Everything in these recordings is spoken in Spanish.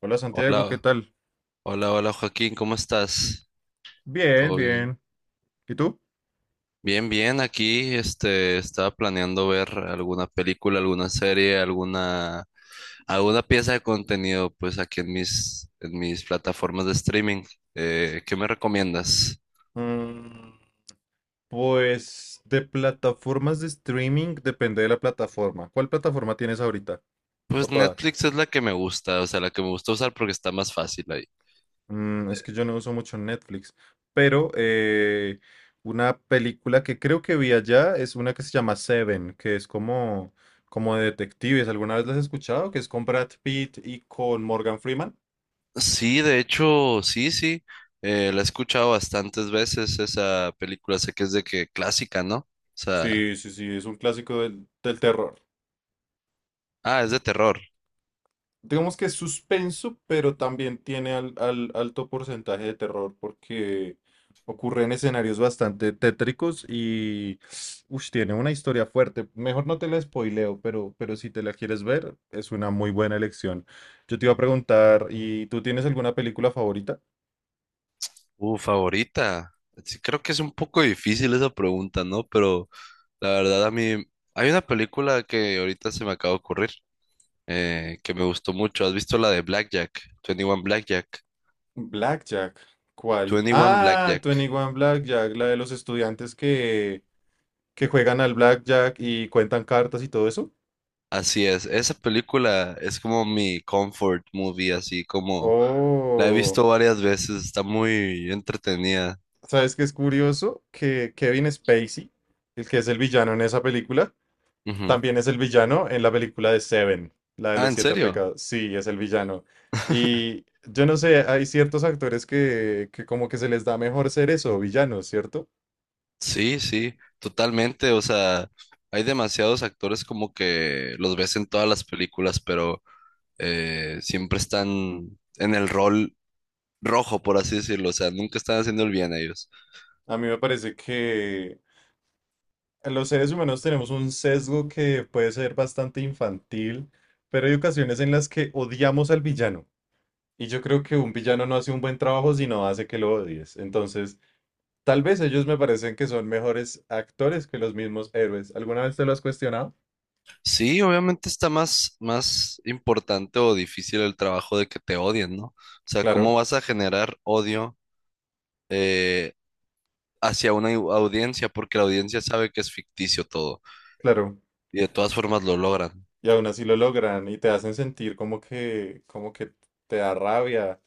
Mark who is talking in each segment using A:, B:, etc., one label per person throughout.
A: Hola Santiago, ¿qué
B: Hola,
A: tal?
B: hola Joaquín, ¿cómo estás?
A: Bien,
B: ¿Todo bien?
A: bien. ¿Y tú?
B: Bien, bien, aquí estaba planeando ver alguna película, alguna serie, alguna pieza de contenido pues aquí en mis plataformas de streaming. ¿Qué me recomiendas?
A: Mm, pues de plataformas de streaming depende de la plataforma. ¿Cuál plataforma tienes ahorita? ¿O
B: Pues
A: todas?
B: Netflix es la que me gusta, o sea, la que me gusta usar porque está más fácil ahí.
A: Es
B: Eh,
A: que yo no uso mucho Netflix, pero una película que creo que vi allá es una que se llama Seven, que es como de detectives. ¿Alguna vez las has escuchado? Que es con Brad Pitt y con Morgan Freeman.
B: Sí, de hecho, sí, sí, la he escuchado bastantes veces esa película, sé que es de que clásica, ¿no? O sea,
A: Sí, sí, sí, es un clásico del terror.
B: ah, es de terror.
A: Digamos que es suspenso, pero también tiene alto porcentaje de terror porque ocurre en escenarios bastante tétricos y tiene una historia fuerte. Mejor no te la spoileo, pero si te la quieres ver, es una muy buena elección. Yo te iba a preguntar, ¿y tú tienes alguna película favorita?
B: Favorita. Sí, creo que es un poco difícil esa pregunta, ¿no? Pero la verdad a mí hay una película que ahorita se me acaba de ocurrir, que me gustó mucho. ¿Has visto la de Blackjack? 21 Blackjack.
A: Blackjack, ¿cuál?
B: 21
A: Ah,
B: Blackjack.
A: 21 Blackjack, la de los estudiantes que juegan al Blackjack y cuentan cartas y todo eso.
B: Así es. Esa película es como mi comfort movie, así como la he
A: Oh.
B: visto varias veces. Está muy entretenida.
A: ¿Sabes qué es curioso? Que Kevin Spacey, el que es el villano en esa película,
B: Ujú.
A: también es el villano en la película de Seven, la de
B: Ah,
A: los
B: ¿en
A: siete
B: serio?
A: pecados. Sí, es el villano. Y yo no sé, hay ciertos actores que como que se les da mejor ser eso, villanos, ¿cierto?
B: Sí, sí, totalmente. O sea, hay demasiados actores como que los ves en todas las películas, pero siempre están en el rol rojo, por así decirlo. O sea, nunca están haciendo el bien ellos.
A: A mí me parece que los seres humanos tenemos un sesgo que puede ser bastante infantil, pero hay ocasiones en las que odiamos al villano. Y yo creo que un villano no hace un buen trabajo si no hace que lo odies. Entonces, tal vez ellos me parecen que son mejores actores que los mismos héroes. ¿Alguna vez te lo has cuestionado?
B: Sí, obviamente está más importante o difícil el trabajo de que te odien, ¿no? O sea, ¿cómo
A: Claro,
B: vas a generar odio eh, hacia una audiencia? Porque la audiencia sabe que es ficticio todo
A: claro.
B: y de todas formas lo logran.
A: Y aún así lo logran y te hacen sentir como que te da rabia.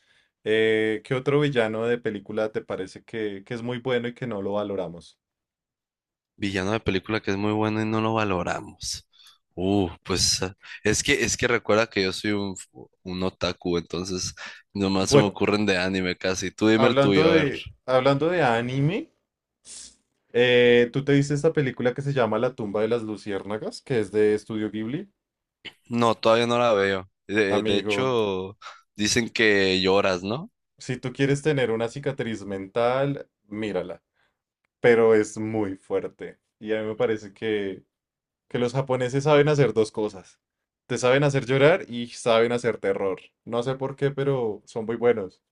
A: ¿Qué otro villano de película te parece que es muy bueno y que no lo valoramos?
B: Villano de película que es muy bueno y no lo valoramos. Pues, es que recuerda que yo soy un, un otaku, entonces nomás se me
A: Bueno.
B: ocurren de anime casi. Tú dime el tuyo,
A: Hablando
B: a ver.
A: de, hablando de anime, ¿tú te viste esta película que se llama La tumba de las luciérnagas, que es de Estudio Ghibli?
B: No, todavía no la veo. De
A: Amigo,
B: hecho, dicen que lloras, ¿no?
A: si tú quieres tener una cicatriz mental, mírala, pero es muy fuerte. Y a mí me parece que los japoneses saben hacer dos cosas. Te saben hacer llorar y saben hacer terror. No sé por qué, pero son muy buenos.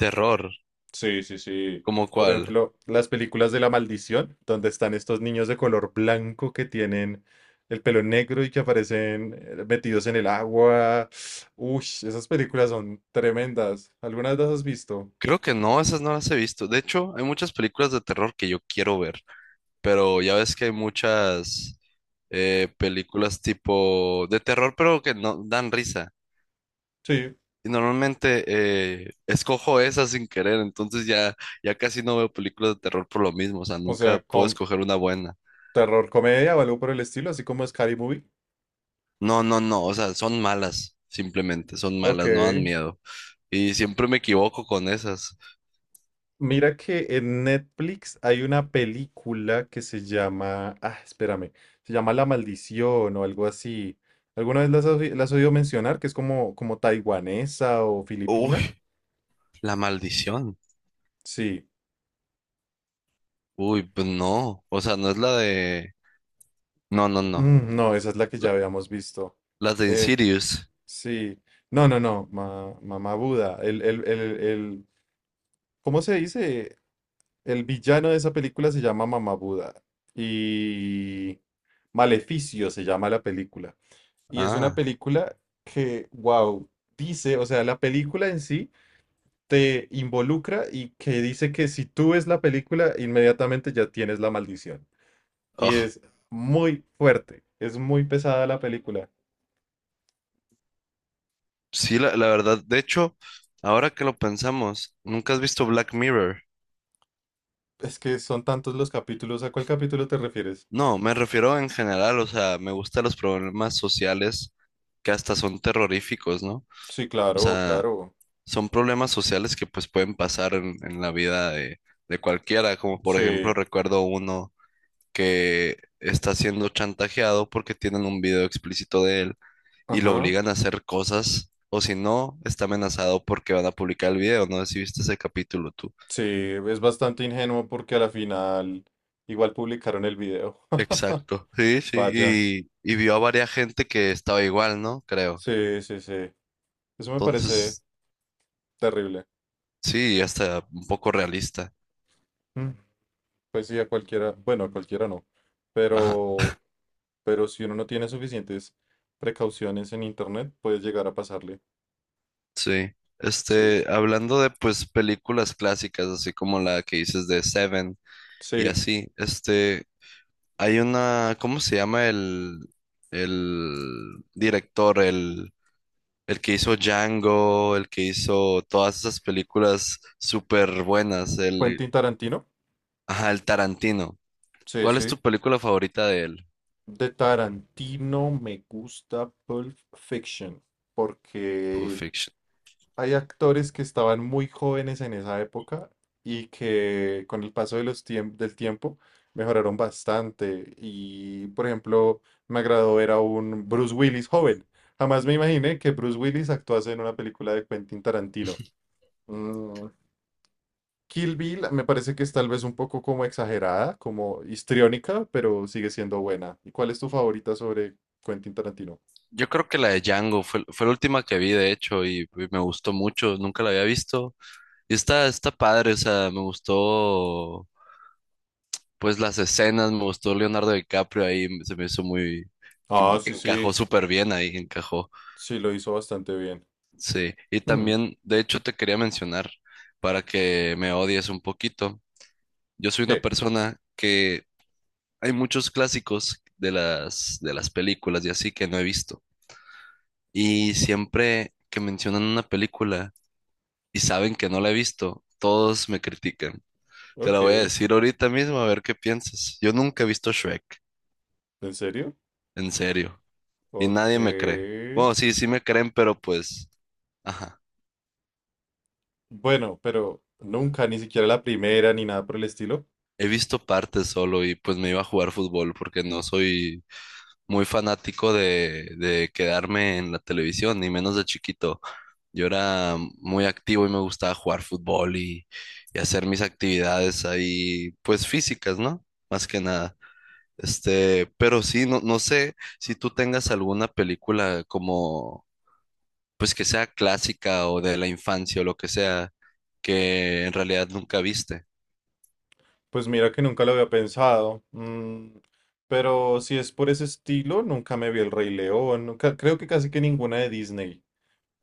B: Terror,
A: Sí, sí, sí.
B: ¿cómo
A: Por
B: cuál?
A: ejemplo, las películas de la maldición, donde están estos niños de color blanco que tienen el pelo negro y que aparecen metidos en el agua. Uy, esas películas son tremendas. ¿Algunas las has visto?
B: Creo que no, esas no las he visto. De hecho, hay muchas películas de terror que yo quiero ver, pero ya ves que hay muchas, películas tipo de terror, pero que no dan risa.
A: Sí.
B: Y normalmente escojo esas sin querer, entonces ya casi no veo películas de terror por lo mismo, o sea,
A: O
B: nunca
A: sea,
B: puedo
A: con
B: escoger una buena.
A: terror comedia o algo por el estilo, así como Scary Movie.
B: No, no, no, o sea, son malas, simplemente, son
A: Ok.
B: malas, no dan miedo. Y siempre me equivoco con esas.
A: Mira que en Netflix hay una película que se llama, ah, espérame, se llama La Maldición o algo así. ¿Alguna vez la has oído mencionar? Que es como, como taiwanesa o filipina.
B: Uy, la maldición.
A: Sí.
B: Uy, pues no, o sea, no es la de... No, no, no.
A: Mm, no, esa es la que
B: La-
A: ya habíamos visto.
B: las de
A: Eh,
B: Insidious.
A: sí. No, no, no, Mamá Buda. ¿Cómo se dice? El villano de esa película se llama Mamá Buda. Y Maleficio se llama la película. Y es una
B: Ah,
A: película que, wow, dice, o sea, la película en sí te involucra y que dice que si tú ves la película, inmediatamente ya tienes la maldición. Y
B: ugh.
A: es muy fuerte, es muy pesada la película.
B: Sí, la verdad, de hecho, ahora que lo pensamos, ¿nunca has visto Black Mirror?
A: Es que son tantos los capítulos. ¿A cuál capítulo te refieres?
B: No, me refiero en general, o sea, me gustan los problemas sociales que hasta son terroríficos, ¿no?
A: Sí,
B: O
A: claro,
B: sea,
A: claro.
B: son problemas sociales que pues pueden pasar en la vida de cualquiera, como por ejemplo
A: Sí,
B: recuerdo uno que está siendo chantajeado porque tienen un video explícito de él y lo
A: ajá.
B: obligan a hacer cosas, o si no, está amenazado porque van a publicar el video, no sé si viste ese capítulo tú.
A: Sí, es bastante ingenuo porque a la final igual publicaron el video.
B: Exacto, sí, sí,
A: Vaya.
B: y vio a varias gente que estaba igual, ¿no? Creo.
A: Sí, sí, sí. Eso me parece
B: Entonces,
A: terrible.
B: sí, hasta un poco realista.
A: Pues sí, a cualquiera, bueno, a cualquiera no,
B: Ajá,
A: pero, pero si uno no tiene suficientes precauciones en internet, puede llegar a pasarle.
B: sí.
A: Sí,
B: Hablando de pues películas clásicas, así como la que dices de Seven y
A: sí.
B: así, hay una, ¿cómo se llama el director, el que hizo Django, el que hizo todas esas películas súper buenas, el,
A: Quentin Tarantino.
B: ajá, el Tarantino.
A: Sí,
B: ¿Cuál es tu
A: sí.
B: película favorita de él?
A: De Tarantino me gusta Pulp Fiction
B: Pulp
A: porque
B: Fiction.
A: hay actores que estaban muy jóvenes en esa época y que con el paso de los del tiempo mejoraron bastante. Y, por ejemplo, me agradó ver a un Bruce Willis joven. Jamás me imaginé que Bruce Willis actuase en una película de Quentin Tarantino. Mm, Kill Bill me parece que es tal vez un poco como exagerada, como histriónica, pero sigue siendo buena. ¿Y cuál es tu favorita sobre Quentin Tarantino?
B: Yo creo que la de Django fue la última que vi, de hecho, y me gustó mucho, nunca la había visto. Y está, está padre, o sea, me gustó, pues las escenas, me gustó Leonardo DiCaprio ahí, se me hizo muy,
A: Ah,
B: que
A: sí,
B: encajó
A: sí,
B: súper bien ahí, encajó,
A: sí, lo hizo bastante bien.
B: sí. Y
A: Hmm,
B: también, de hecho, te quería mencionar, para que me odies un poquito, yo soy una
A: ok,
B: persona que hay muchos clásicos de de las películas y así que no he visto. Y siempre que mencionan una película, y saben que no la he visto. Todos me critican. Te la voy a
A: ok.
B: decir ahorita mismo a ver qué piensas. Yo nunca he visto Shrek,
A: ¿En serio?
B: en serio. Y
A: Ok.
B: nadie me cree. Bueno, sí, sí me creen, pero pues, ajá.
A: Bueno, pero nunca, ni siquiera la primera, ni nada por el estilo.
B: He visto partes solo y pues me iba a jugar fútbol porque no soy muy fanático de quedarme en la televisión, ni menos de chiquito. Yo era muy activo y me gustaba jugar fútbol y hacer mis actividades ahí, pues físicas, ¿no? Más que nada. Pero sí, no, no sé si tú tengas alguna película como, pues que sea clásica o de la infancia o lo que sea, que en realidad nunca viste.
A: Pues mira que nunca lo había pensado. Pero si es por ese estilo, nunca me vi El Rey León. Creo que casi que ninguna de Disney.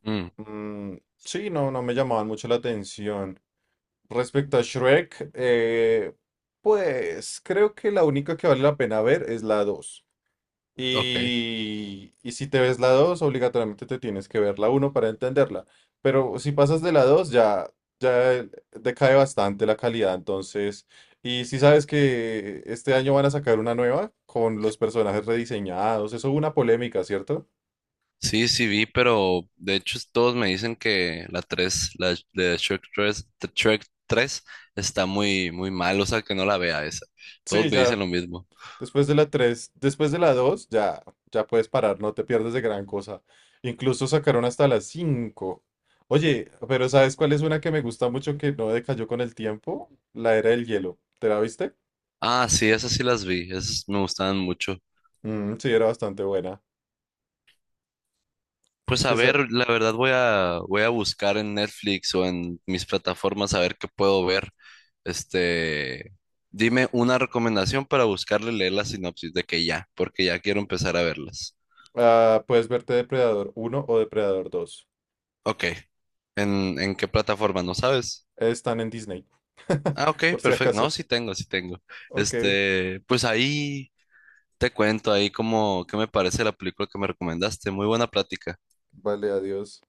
B: Mm,
A: Mm, sí, no, no me llamaban mucho la atención. Respecto a Shrek, pues creo que la única que vale la pena ver es la 2.
B: ok.
A: Y si te ves la 2 obligatoriamente te tienes que ver la uno para entenderla. Pero si pasas de la 2 ya, ya decae bastante la calidad. Entonces, y si sabes que este año van a sacar una nueva con los personajes rediseñados, eso hubo una polémica, ¿cierto?
B: Sí, sí vi, pero de hecho todos me dicen que la 3 la de Shrek 3 de Shrek 3 está muy, muy mal, o sea que no la vea esa.
A: Sí,
B: Todos me dicen
A: ya.
B: lo mismo.
A: Después de la 3, después de la 2, ya, ya puedes parar, no te pierdes de gran cosa. Incluso sacaron hasta la 5. Oye, pero ¿sabes cuál es una que me gusta mucho que no decayó con el tiempo? La Era del Hielo. ¿Te la viste?
B: Ah, sí, esas sí las vi, esas me gustaban mucho.
A: Mm, sí, era bastante buena.
B: Pues a
A: Después,
B: ver, la verdad voy a buscar en Netflix o en mis plataformas a ver qué puedo ver. Este, Dime una recomendación para buscarle leer la sinopsis de que ya, porque ya quiero empezar a verlas.
A: ah, puedes verte Depredador uno o Depredador dos.
B: Ok. En qué plataforma? ¿No sabes?
A: Están en Disney,
B: Ah, ok,
A: por si
B: perfecto. No,
A: acaso.
B: sí tengo, sí tengo.
A: Ok,
B: Pues ahí te cuento ahí como qué me parece la película que me recomendaste. Muy buena plática.
A: vale, adiós.